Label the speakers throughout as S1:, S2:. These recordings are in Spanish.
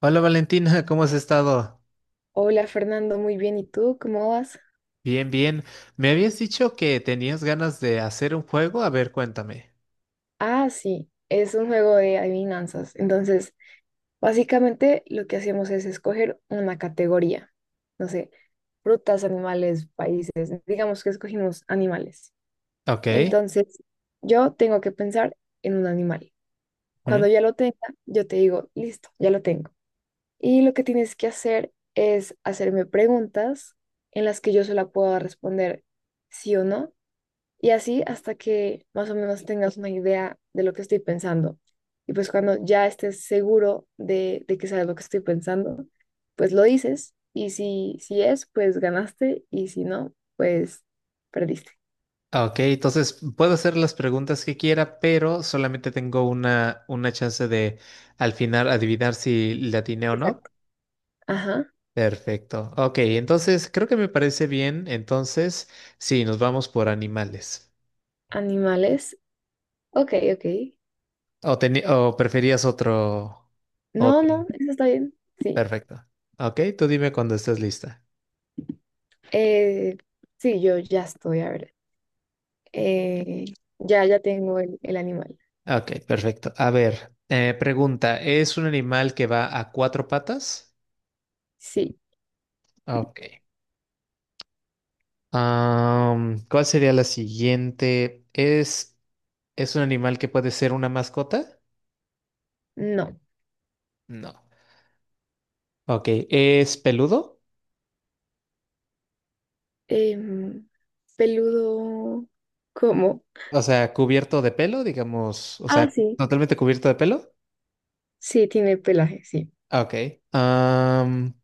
S1: Hola Valentina, ¿cómo has estado?
S2: Hola Fernando, muy bien. ¿Y tú cómo vas?
S1: Bien, bien. Me habías dicho que tenías ganas de hacer un juego. A ver, cuéntame.
S2: Ah, sí, es un juego de adivinanzas. Entonces, básicamente lo que hacemos es escoger una categoría. No sé, frutas, animales, países. Digamos que escogimos animales.
S1: Ok.
S2: Entonces, yo tengo que pensar en un animal.
S1: ¿Mm?
S2: Cuando ya lo tenga, yo te digo, listo, ya lo tengo. Y lo que tienes que hacer es hacerme preguntas en las que yo solo puedo responder sí o no. Y así hasta que más o menos tengas una idea de lo que estoy pensando. Y pues cuando ya estés seguro de que sabes lo que estoy pensando, pues lo dices. Y si, si es, pues ganaste. Y si no, pues perdiste.
S1: Ok, entonces puedo hacer las preguntas que quiera, pero solamente tengo una chance de al final adivinar si le atiné o no.
S2: Exacto. Ajá.
S1: Perfecto. Ok, entonces creo que me parece bien. Entonces, sí, nos vamos por animales.
S2: Animales. Ok, ok.
S1: ¿O, o preferías otro?
S2: No,
S1: Otro.
S2: no, eso está bien. Sí.
S1: Perfecto. Ok, tú dime cuando estés lista.
S2: Eh, sí, yo ya estoy, a ver. Eh, ya, ya tengo el animal.
S1: Ok, perfecto. A ver, pregunta, ¿es un animal que va a cuatro patas?
S2: Sí.
S1: Ok. ¿Cuál sería la siguiente? ¿Es un animal que puede ser una mascota?
S2: No.
S1: No. Ok, ¿es peludo?
S2: Em, Peludo, ¿cómo?
S1: O sea, cubierto de pelo, digamos, o
S2: Ah,
S1: sea,
S2: sí,
S1: totalmente cubierto de pelo.
S2: sí, tiene pelaje, sí,
S1: Ok. Am,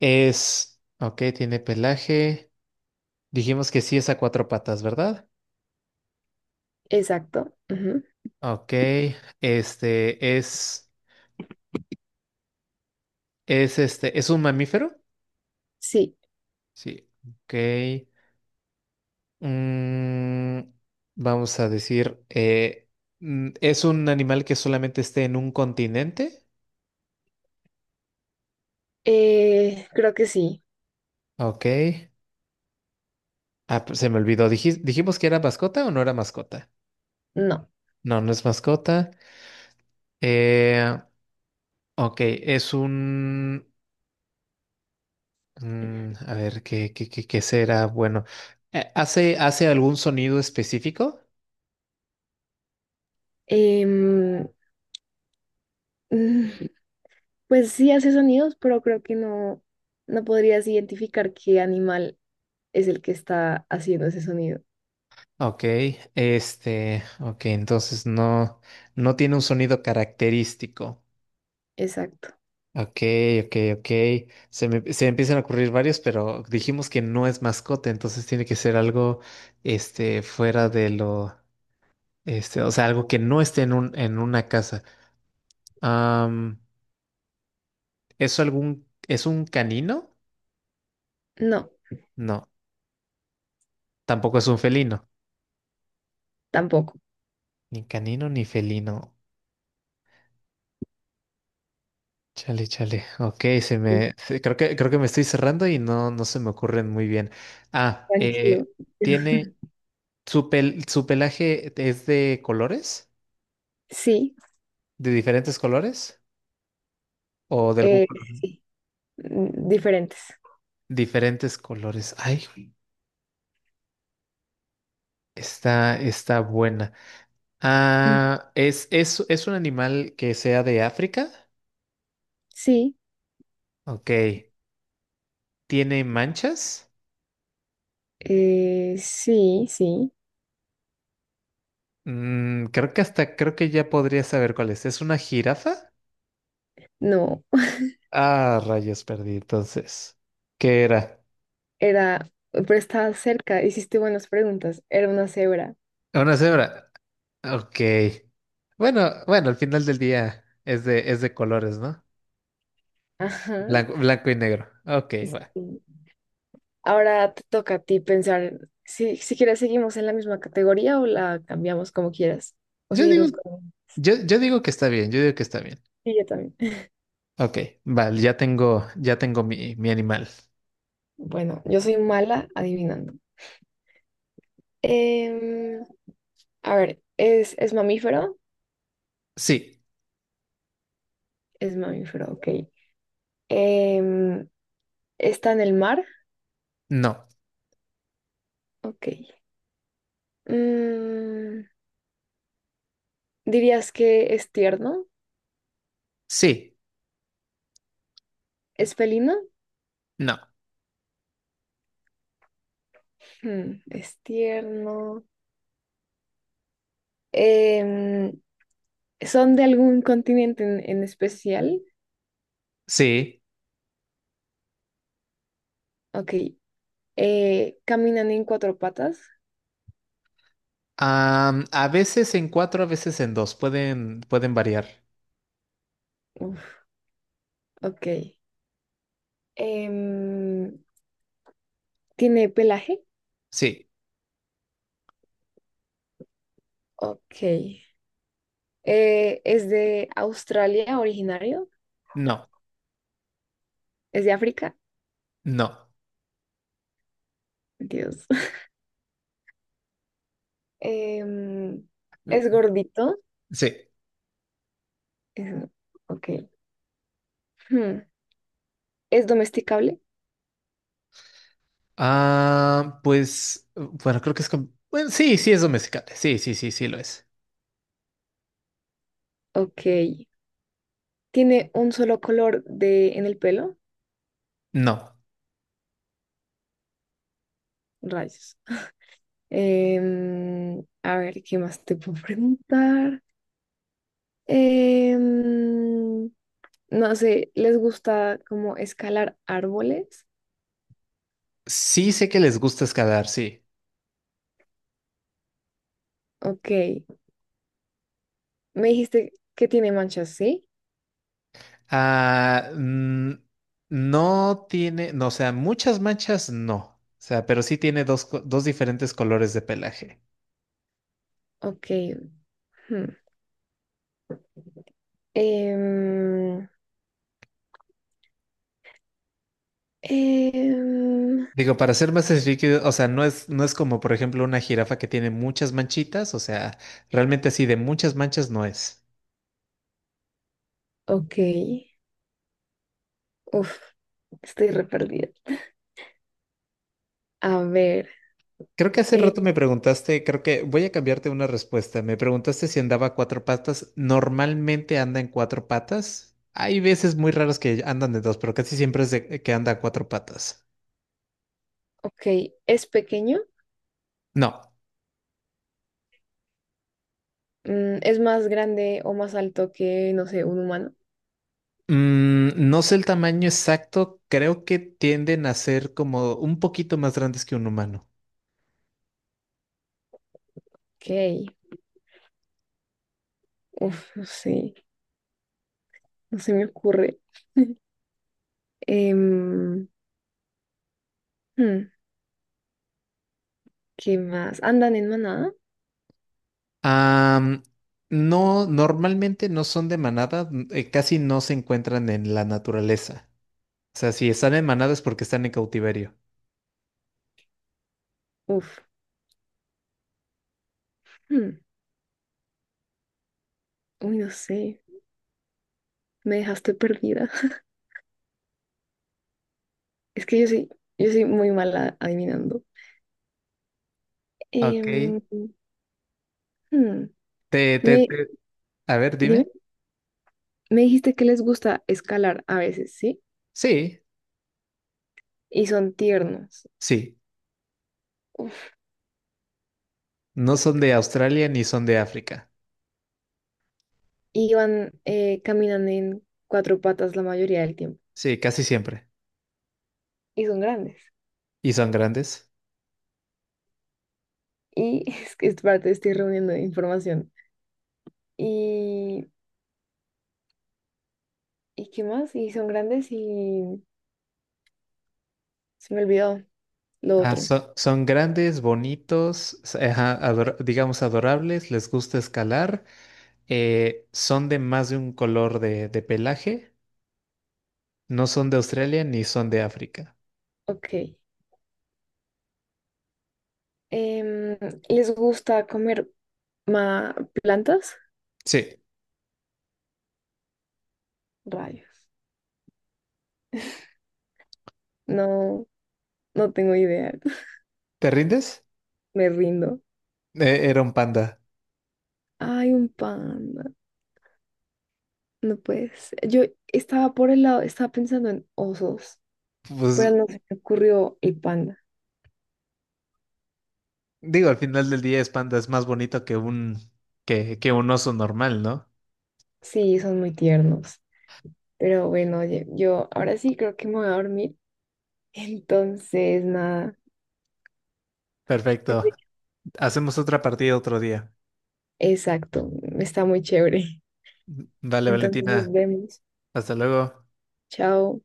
S1: es, ok, tiene pelaje. Dijimos que sí es a cuatro patas, ¿verdad?
S2: exacto. Ujú.
S1: Ok, este es... Es este, ¿es un mamífero?
S2: Sí,
S1: Sí. Ok. Mm, vamos a decir, mm, ¿es un animal que solamente esté en un continente?
S2: creo que sí,
S1: Ok. Ah, pues se me olvidó. ¿Dijimos que era mascota o no era mascota?
S2: no.
S1: No, no es mascota. Eh, ok, es un... mm, a ver, ¿qué será? Bueno, ¿hace, hace algún sonido específico?
S2: Em, mm, pues sí hace sonidos, pero creo que no, no podrías identificar qué animal es el que está haciendo ese sonido.
S1: Ok, este, ok, entonces no, no tiene un sonido característico.
S2: Exacto.
S1: Ok, ok, ok. Se me empiezan a ocurrir varios, pero dijimos que no es mascota, entonces tiene que ser algo, este, fuera de lo, este, o sea, algo que no esté en un, en una casa. Am, ¿Es algún, es un canino?
S2: No,
S1: No, tampoco es un felino.
S2: tampoco.
S1: Ni canino ni felino. Chale, chale. Ok, creo que, creo que me estoy cerrando y no, no se me ocurren muy bien. Ah,
S2: Tranquilo.
S1: tiene. ¿Su su pelaje es de colores?
S2: Sí,
S1: ¿De diferentes colores? ¿O de algún
S2: eh,
S1: color?
S2: sí, diferentes.
S1: Diferentes colores. Ay, güey, está, está buena.
S2: Mm,
S1: Ah, ¿es un animal que sea de África?
S2: sí,
S1: Ok. ¿Tiene manchas?
S2: sí, sí,
S1: Mm, creo que hasta, creo que ya podría saber cuál es. ¿Es una jirafa?
S2: no.
S1: Ah, rayos, perdí entonces. ¿Qué era?
S2: Era, pero estaba cerca, hiciste buenas preguntas. Era una cebra.
S1: Una cebra. Ok. Bueno, bueno, al final del día es de colores, ¿no?
S2: Ajá.
S1: Blanco, blanco y negro. Ok,
S2: Sí.
S1: va.
S2: Ahora te toca a ti pensar si, si quieres seguimos en la misma categoría o la cambiamos como quieras. O
S1: Yo digo,
S2: seguimos con...
S1: yo digo que está bien, yo digo que está bien.
S2: Sí, yo también.
S1: Ok, vale, ya tengo mi, mi animal.
S2: Bueno, yo soy mala adivinando. Em, a ver, es mamífero?
S1: Sí,
S2: Es mamífero, ok. Em, ¿Está en el mar?
S1: no,
S2: Ok. Mm, ¿dirías que es tierno?
S1: sí,
S2: ¿Es felino?
S1: no,
S2: Hmm, es tierno. Em, ¿Son de algún continente en especial?
S1: sí.
S2: Ok. ¿Caminan en cuatro patas?
S1: A veces en cuatro, a veces en dos. Pueden, pueden variar.
S2: Uf, ok. Em, ¿Tiene pelaje?
S1: Sí,
S2: Ok. ¿Es de Australia originario?
S1: no,
S2: ¿Es de África?
S1: no.
S2: Dios. Em, ¿Es gordito?
S1: Sí.
S2: Es- ok. Hmm, ¿es domesticable?
S1: Ah, pues, bueno, creo que es bueno, sí, sí es domesticable. Sí, sí, sí, sí lo es.
S2: Ok. ¿Tiene un solo color de, en el pelo?
S1: No.
S2: Rayos. A ver, ¿qué más te puedo preguntar? Em, no sé, ¿les gusta como escalar árboles?
S1: Sí sé que les gusta escalar, sí.
S2: Ok, me dijiste que tiene manchas, ¿sí?
S1: Ah, mm, no tiene, no, o sea, muchas manchas no. O sea, pero sí tiene dos, dos diferentes colores de pelaje.
S2: Ok. Hmm. Em, em,
S1: Digo, para ser más específico, o sea, no es, no es como, por ejemplo, una jirafa que tiene muchas manchitas, o sea, realmente así de muchas manchas no es.
S2: ok, uf, estoy re perdida. A ver,
S1: Creo que hace
S2: eh,
S1: rato me preguntaste, creo que voy a cambiarte una respuesta. Me preguntaste si andaba a cuatro patas. Normalmente anda en cuatro patas. Hay veces muy raras que andan de dos, pero casi siempre es de que anda a cuatro patas.
S2: ok, ¿es pequeño?
S1: No,
S2: Mm, ¿es más grande o más alto que, no sé, un humano?
S1: mm, no sé el tamaño exacto. Creo que tienden a ser como un poquito más grandes que un humano.
S2: Ok, uf, sí. No se me ocurre. Em, hmm, ¿qué más? ¿Andan en manada?
S1: Am, no, normalmente no son de manada, casi no se encuentran en la naturaleza. O sea, si están en manada es porque están en cautiverio.
S2: Uf. Hmm, uy, no sé. Me dejaste perdida. Es que yo soy muy mala adivinando.
S1: Ok.
S2: Em, hmm,
S1: Te, te,
S2: Me,
S1: te- a ver,
S2: dime,
S1: dime.
S2: me dijiste que les gusta escalar a veces, ¿sí?
S1: Sí,
S2: Y son tiernos.
S1: sí.
S2: Uf.
S1: No son de Australia ni son de África.
S2: Y van, caminan en cuatro patas la mayoría del tiempo.
S1: Sí, casi siempre.
S2: Y son grandes.
S1: ¿Y son grandes?
S2: Y es que es parte, estoy reuniendo información. Y ¿y qué más? Y son grandes y se me olvidó lo
S1: Ah,
S2: otro.
S1: son grandes, bonitos, ajá, digamos adorables, les gusta escalar, son de más de un color de pelaje, no son de Australia ni son de África.
S2: Ok. Em, ¿Les gusta comer ma- plantas?
S1: Sí.
S2: Rayos. No, no tengo idea.
S1: ¿Te rindes?
S2: Me rindo.
S1: Era un panda.
S2: Ay, un panda. No puedes. Yo estaba por el lado, estaba pensando en osos,
S1: Pues
S2: pero no se me ocurrió el panda.
S1: digo, al final del día es panda, es más bonito que un oso normal, ¿no?
S2: Sí, son muy tiernos. Pero bueno, oye, yo ahora sí creo que me voy a dormir. Entonces, nada.
S1: Perfecto. Hacemos otra partida otro día.
S2: Exacto. Está muy chévere.
S1: Vale,
S2: Entonces nos
S1: Valentina.
S2: vemos.
S1: Hasta luego.
S2: Chao.